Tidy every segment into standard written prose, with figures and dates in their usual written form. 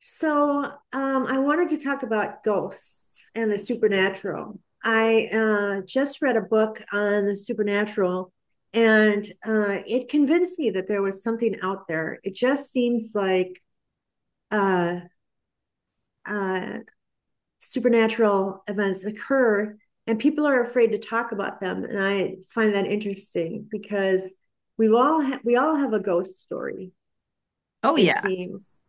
So I wanted to talk about ghosts and the supernatural. I just read a book on the supernatural, and it convinced me that there was something out there. It just seems like uh, uh, supernatural events occur, and people are afraid to talk about them. And I find that interesting because we all have a ghost story. Oh It yeah, seems.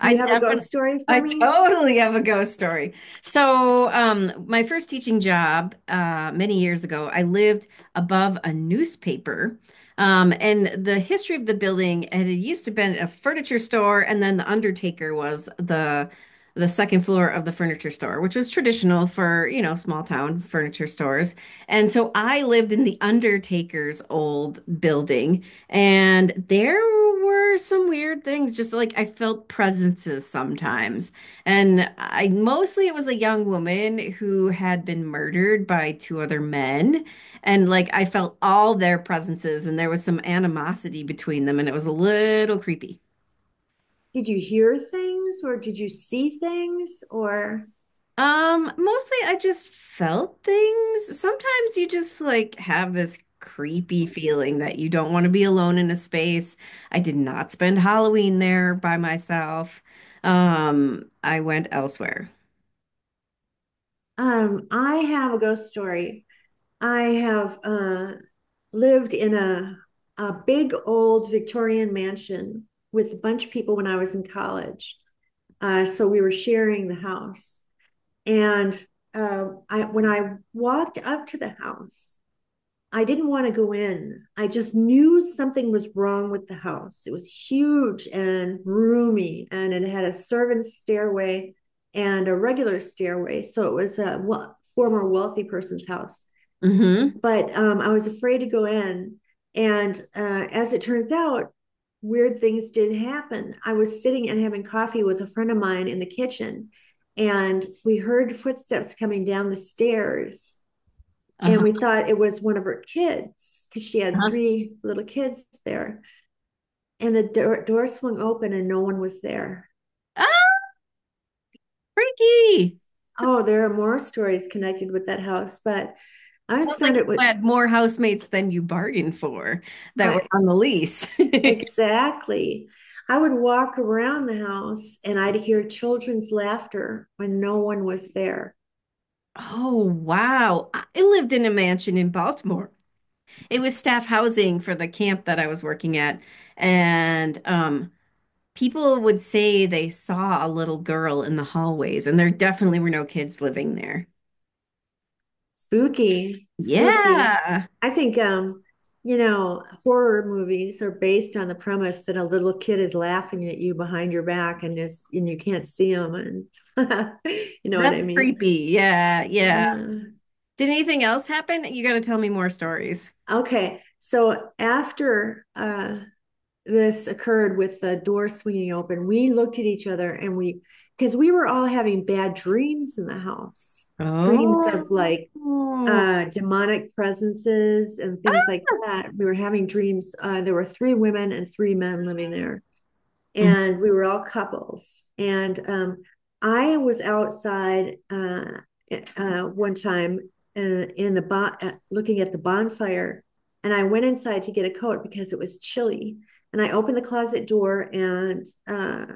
Do I you have a ghost definitely, story I for me? totally have a ghost story. So, my first teaching job, many years ago, I lived above a newspaper, and the history of the building, and it had used to been a furniture store, and then the undertaker was the second floor of the furniture store, which was traditional for, you know, small town furniture stores. And so I lived in the undertaker's old building. And there were some weird things, just like I felt presences sometimes. And I mostly it was a young woman who had been murdered by two other men. And like I felt all their presences, and there was some animosity between them, and it was a little creepy. Did you hear things or did you see things or Mostly I just felt things. Sometimes you just like have this creepy feeling that you don't want to be alone in a space. I did not spend Halloween there by myself. I went elsewhere. um i have a ghost story. I have lived in a big old Victorian mansion with a bunch of people when I was in college. So we were sharing the house. And when I walked up to the house, I didn't want to go in. I just knew something was wrong with the house. It was huge and roomy, and it had a servant's stairway and a regular stairway. So it was a former wealthy person's house. Mm-hmm. But I was afraid to go in. And as it turns out, weird things did happen. I was sitting and having coffee with a friend of mine in the kitchen, and we heard footsteps coming down the stairs, Uh-huh. and we thought it was one of her kids because she had Uh-huh. three little kids there. And the door swung open and no one was there. Ah, freaky. Oh, there are more stories connected with that house, but I It sounds just like found it was you had more housemates than you bargained for that were I on the lease. exactly. I would walk around the house and I'd hear children's laughter when no one was there. Oh, wow. I lived in a mansion in Baltimore. It was staff housing for the camp that I was working at. And people would say they saw a little girl in the hallways, and there definitely were no kids living there. Spooky, spooky. Yeah, I think horror movies are based on the premise that a little kid is laughing at you behind your back and is and you can't see them. And you know what that's I mean? creepy. Yeah, yeah. Yeah. Did anything else happen? You got to tell me more stories. Okay. So after this occurred with the door swinging open, we looked at each other and we because we were all having bad dreams in the house. Dreams of Oh. like demonic presences and things like that. We were having dreams. There were three women and three men living there, Ah! and we were all couples. And I was outside one time looking at the bonfire, and I went inside to get a coat because it was chilly. And I opened the closet door and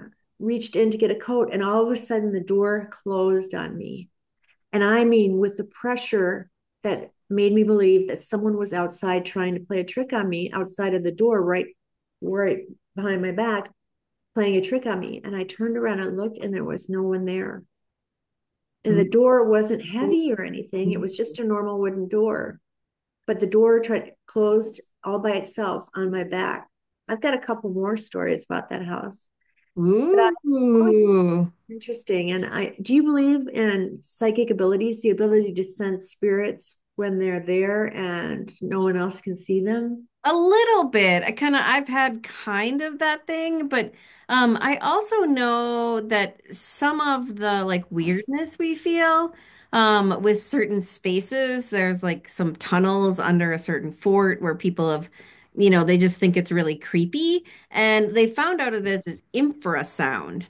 reached in to get a coat, and all of a sudden the door closed on me. And I mean, with the pressure that made me believe that someone was outside trying to play a trick on me outside of the door, right, right behind my back, playing a trick on me. And I turned around and looked, and there was no one there. And the door wasn't heavy or anything, it was just a normal wooden door. But the door closed all by itself on my back. I've got a couple more stories about that house. But I Ooh. always Ooh. Interesting. And I do you believe in psychic abilities, the ability to sense spirits when they're there and no one else can see them? A little bit. I kind of I've had kind of that thing, but I also know that some of the like weirdness we feel with certain spaces, there's like some tunnels under a certain fort where people have, you know, they just think it's really creepy and they found out of this is infrasound.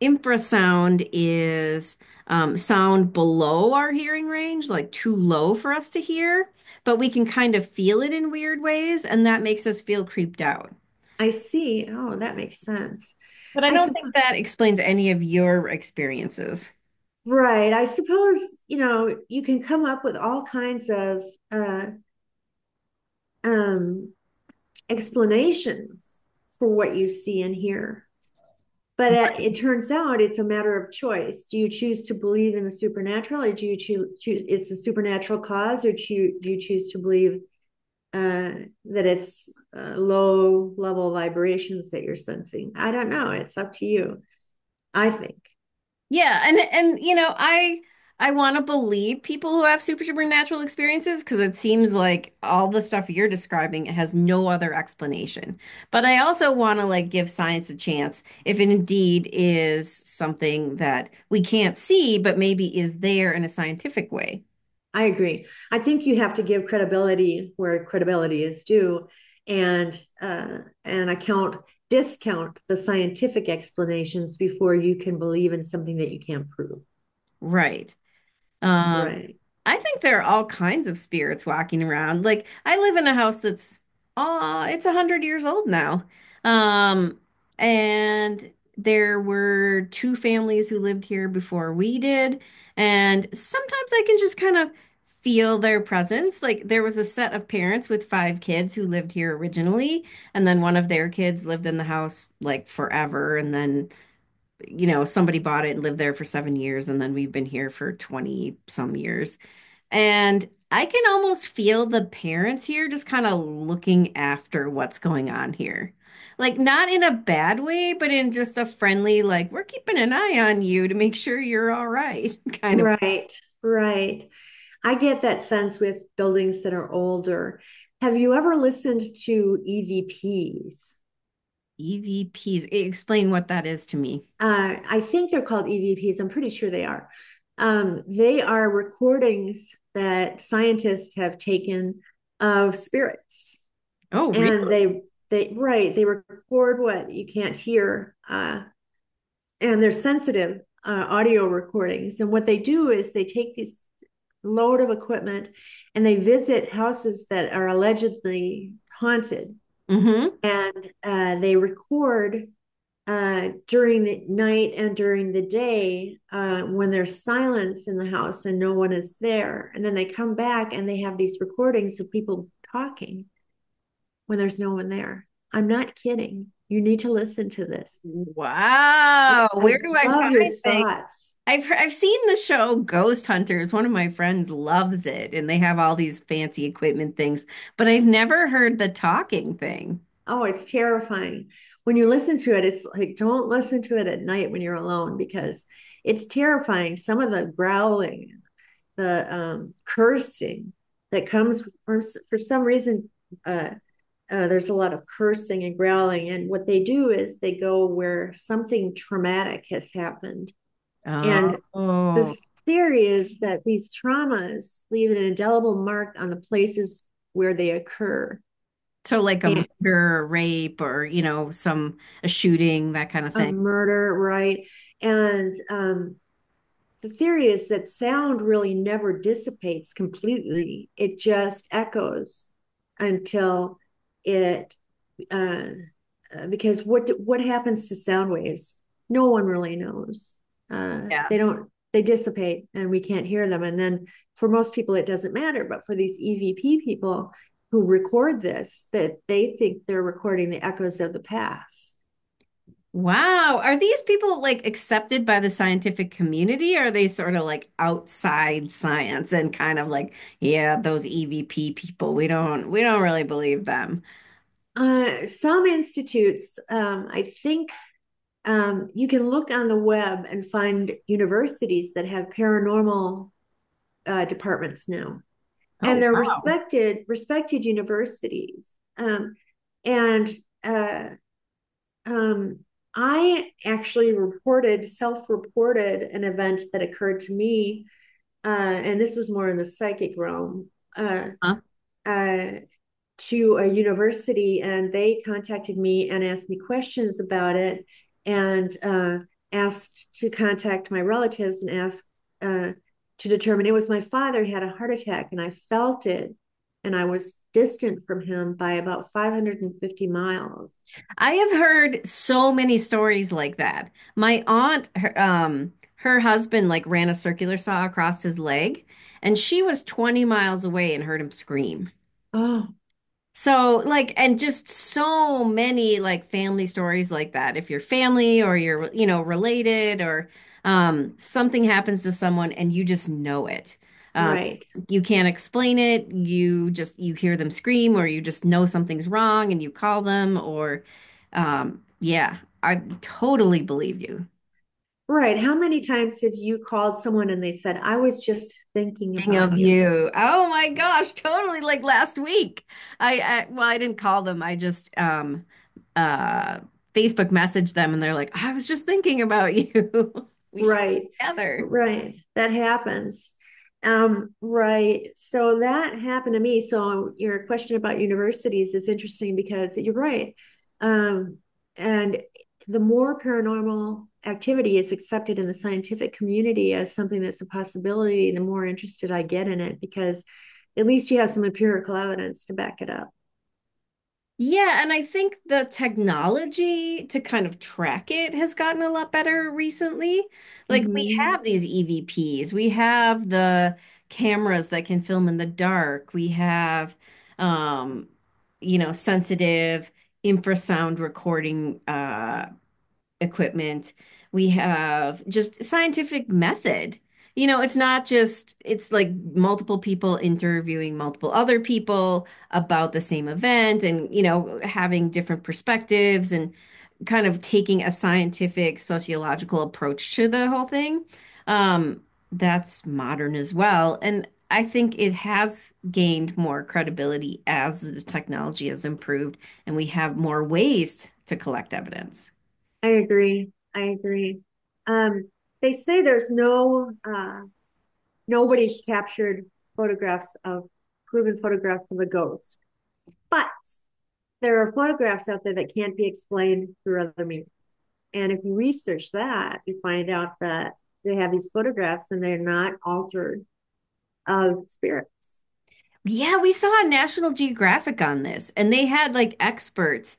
Infrasound is sound below our hearing range, like too low for us to hear but we can kind of feel it in weird ways, and that makes us feel creeped out. I see. Oh, that makes sense. But I I don't think suppose, that explains any of your experiences. right. I suppose, you can come up with all kinds of uh, um, explanations for what you see and hear. But it turns out it's a matter of choice. Do you choose to believe in the supernatural, or do you choose it's a supernatural cause, or do you choose to believe uh, that it's low level vibrations that you're sensing? I don't know. It's up to you. I think. Yeah, and you know, I want to believe people who have super supernatural experiences because it seems like all the stuff you're describing has no other explanation. But I also want to like give science a chance if it indeed is something that we can't see, but maybe is there in a scientific way. I agree. I think you have to give credibility where credibility is due, and uh, and account discount the scientific explanations before you can believe in something that you can't prove. Right. Um, Right. I think there are all kinds of spirits walking around. Like I live in a house that's it's 100 years old now. Um, and there were two families who lived here before we did, and sometimes I can just kind of feel their presence. Like there was a set of parents with 5 kids who lived here originally, and then one of their kids lived in the house like forever, and then you know, somebody bought it and lived there for 7 years, and then we've been here for 20 some years. And I can almost feel the parents here just kind of looking after what's going on here. Like, not in a bad way, but in just a friendly, like, we're keeping an eye on you to make sure you're all right kind of Right, right. I get that sense with buildings that are older. Have you ever listened to EVPs? EVPs. E- V Ps. E, explain what that is to me. I think they're called EVPs. I'm pretty sure they are. They are recordings that scientists have taken of spirits, Oh, really? and they record what you can't hear. And they're sensitive audio recordings. And what they do is they take this load of equipment and they visit houses that are allegedly haunted, Mm-hmm. and they record during the night and during the day when there's silence in the house and no one is there. And then they come back and they have these recordings of people talking when there's no one there. I'm not kidding. You need to listen to this. I, Wow. I Where do I love your find things? thoughts. I've heard, I've seen the show Ghost Hunters. One of my friends loves it, and they have all these fancy equipment things, but I've never heard the talking thing. Oh, it's terrifying. When you listen to it, it's like don't listen to it at night when you're alone because it's terrifying. Some of the growling, the cursing that comes for some reason, uh, there's a lot of cursing and growling. And what they do is they go where something traumatic has happened. And Oh, the theory is that these traumas leave an indelible mark on the places where they occur. so like a murder, a rape, or you know, some a shooting, that kind of A thing. murder, right? And the theory is that sound really never dissipates completely, it just echoes until it, uh, because what happens to sound waves? No one really knows. Yeah. They don't they dissipate and we can't hear them. And then for most people, it doesn't matter. But for these EVP people who record this, that they think they're recording the echoes of the past. Wow. Are these people like accepted by the scientific community? Or are they sort of like outside science and kind of like, yeah, those EVP people, we don't really believe them. Some institutes, I think you can look on the web and find universities that have paranormal departments now, and Oh, they're wow. Respected universities. And uh, um, I actually reported self reported an event that occurred to me, and this was more in the psychic realm. Uh, Huh? uh, to a university and they contacted me and asked me questions about it and asked to contact my relatives and asked uh, to determine it was my father. He had a heart attack and I felt it, and I was distant from him by about 550 miles. I have heard so many stories like that. My aunt, her, her husband like ran a circular saw across his leg, and she was 20 miles away and heard him scream. Oh, So, like, and just so many like family stories like that. If you're family or you're, you know, related or something happens to someone and you just know it. Um, right. you can't explain it. You just, you hear them scream or you just know something's wrong and you call them or, yeah, I totally believe you. Right. How many times have you called someone and they said, I was just thinking King about of you? You. Oh my gosh, totally like last week. I well, I didn't call them. I just uh Facebook messaged them and they're like, I was just thinking about you. We should Right. get together. Right. That happens. Right. So that happened to me. So your question about universities is interesting because you're right. Um, and the more paranormal activity is accepted in the scientific community as something that's a possibility, the more interested I get in it because at least you have some empirical evidence to back it up. Yeah, and I think the technology to kind of track it has gotten a lot better recently. Like we Mm-hmm. have these EVPs, we have the cameras that can film in the dark, we have um, you know, sensitive infrasound recording equipment. We have just scientific method. You know, it's not just, it's like multiple people interviewing multiple other people about the same event and, you know, having different perspectives and kind of taking a scientific sociological approach to the whole thing. Um, that's modern as well. And I think it has gained more credibility as the technology has improved and we have more ways to collect evidence. I agree. I agree. Um, they say there's no nobody's captured photographs of proven photographs of a ghost. But there are photographs out there that can't be explained through other means. And if you research that, you find out that they have these photographs and they're not altered of spirits. Yeah, we saw a National Geographic on this, and they had like experts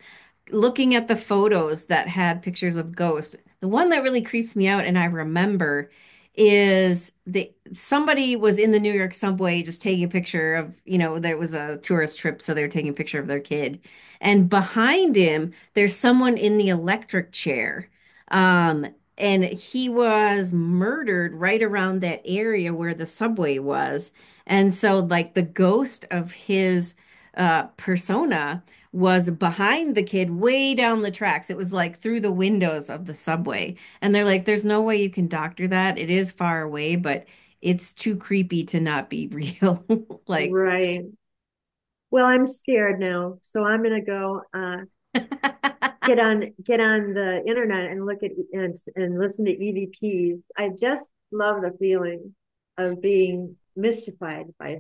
looking at the photos that had pictures of ghosts, the one that really creeps me out and I remember is the somebody was in the New York subway just taking a picture of, you know, there was a tourist trip, so they are taking a picture of their kid. And behind him, there's someone in the electric chair. Um, and he was murdered right around that area where the subway was. And so like the ghost of his persona was behind the kid way down the tracks. It was like through the windows of the subway. And they're like, there's no way you can doctor that. It is far away, but it's too creepy to not be real. Like, Right. Well, I'm scared now, so I'm gonna go get on the internet and look at E, and listen to EVPs. I just love the feeling of being mystified by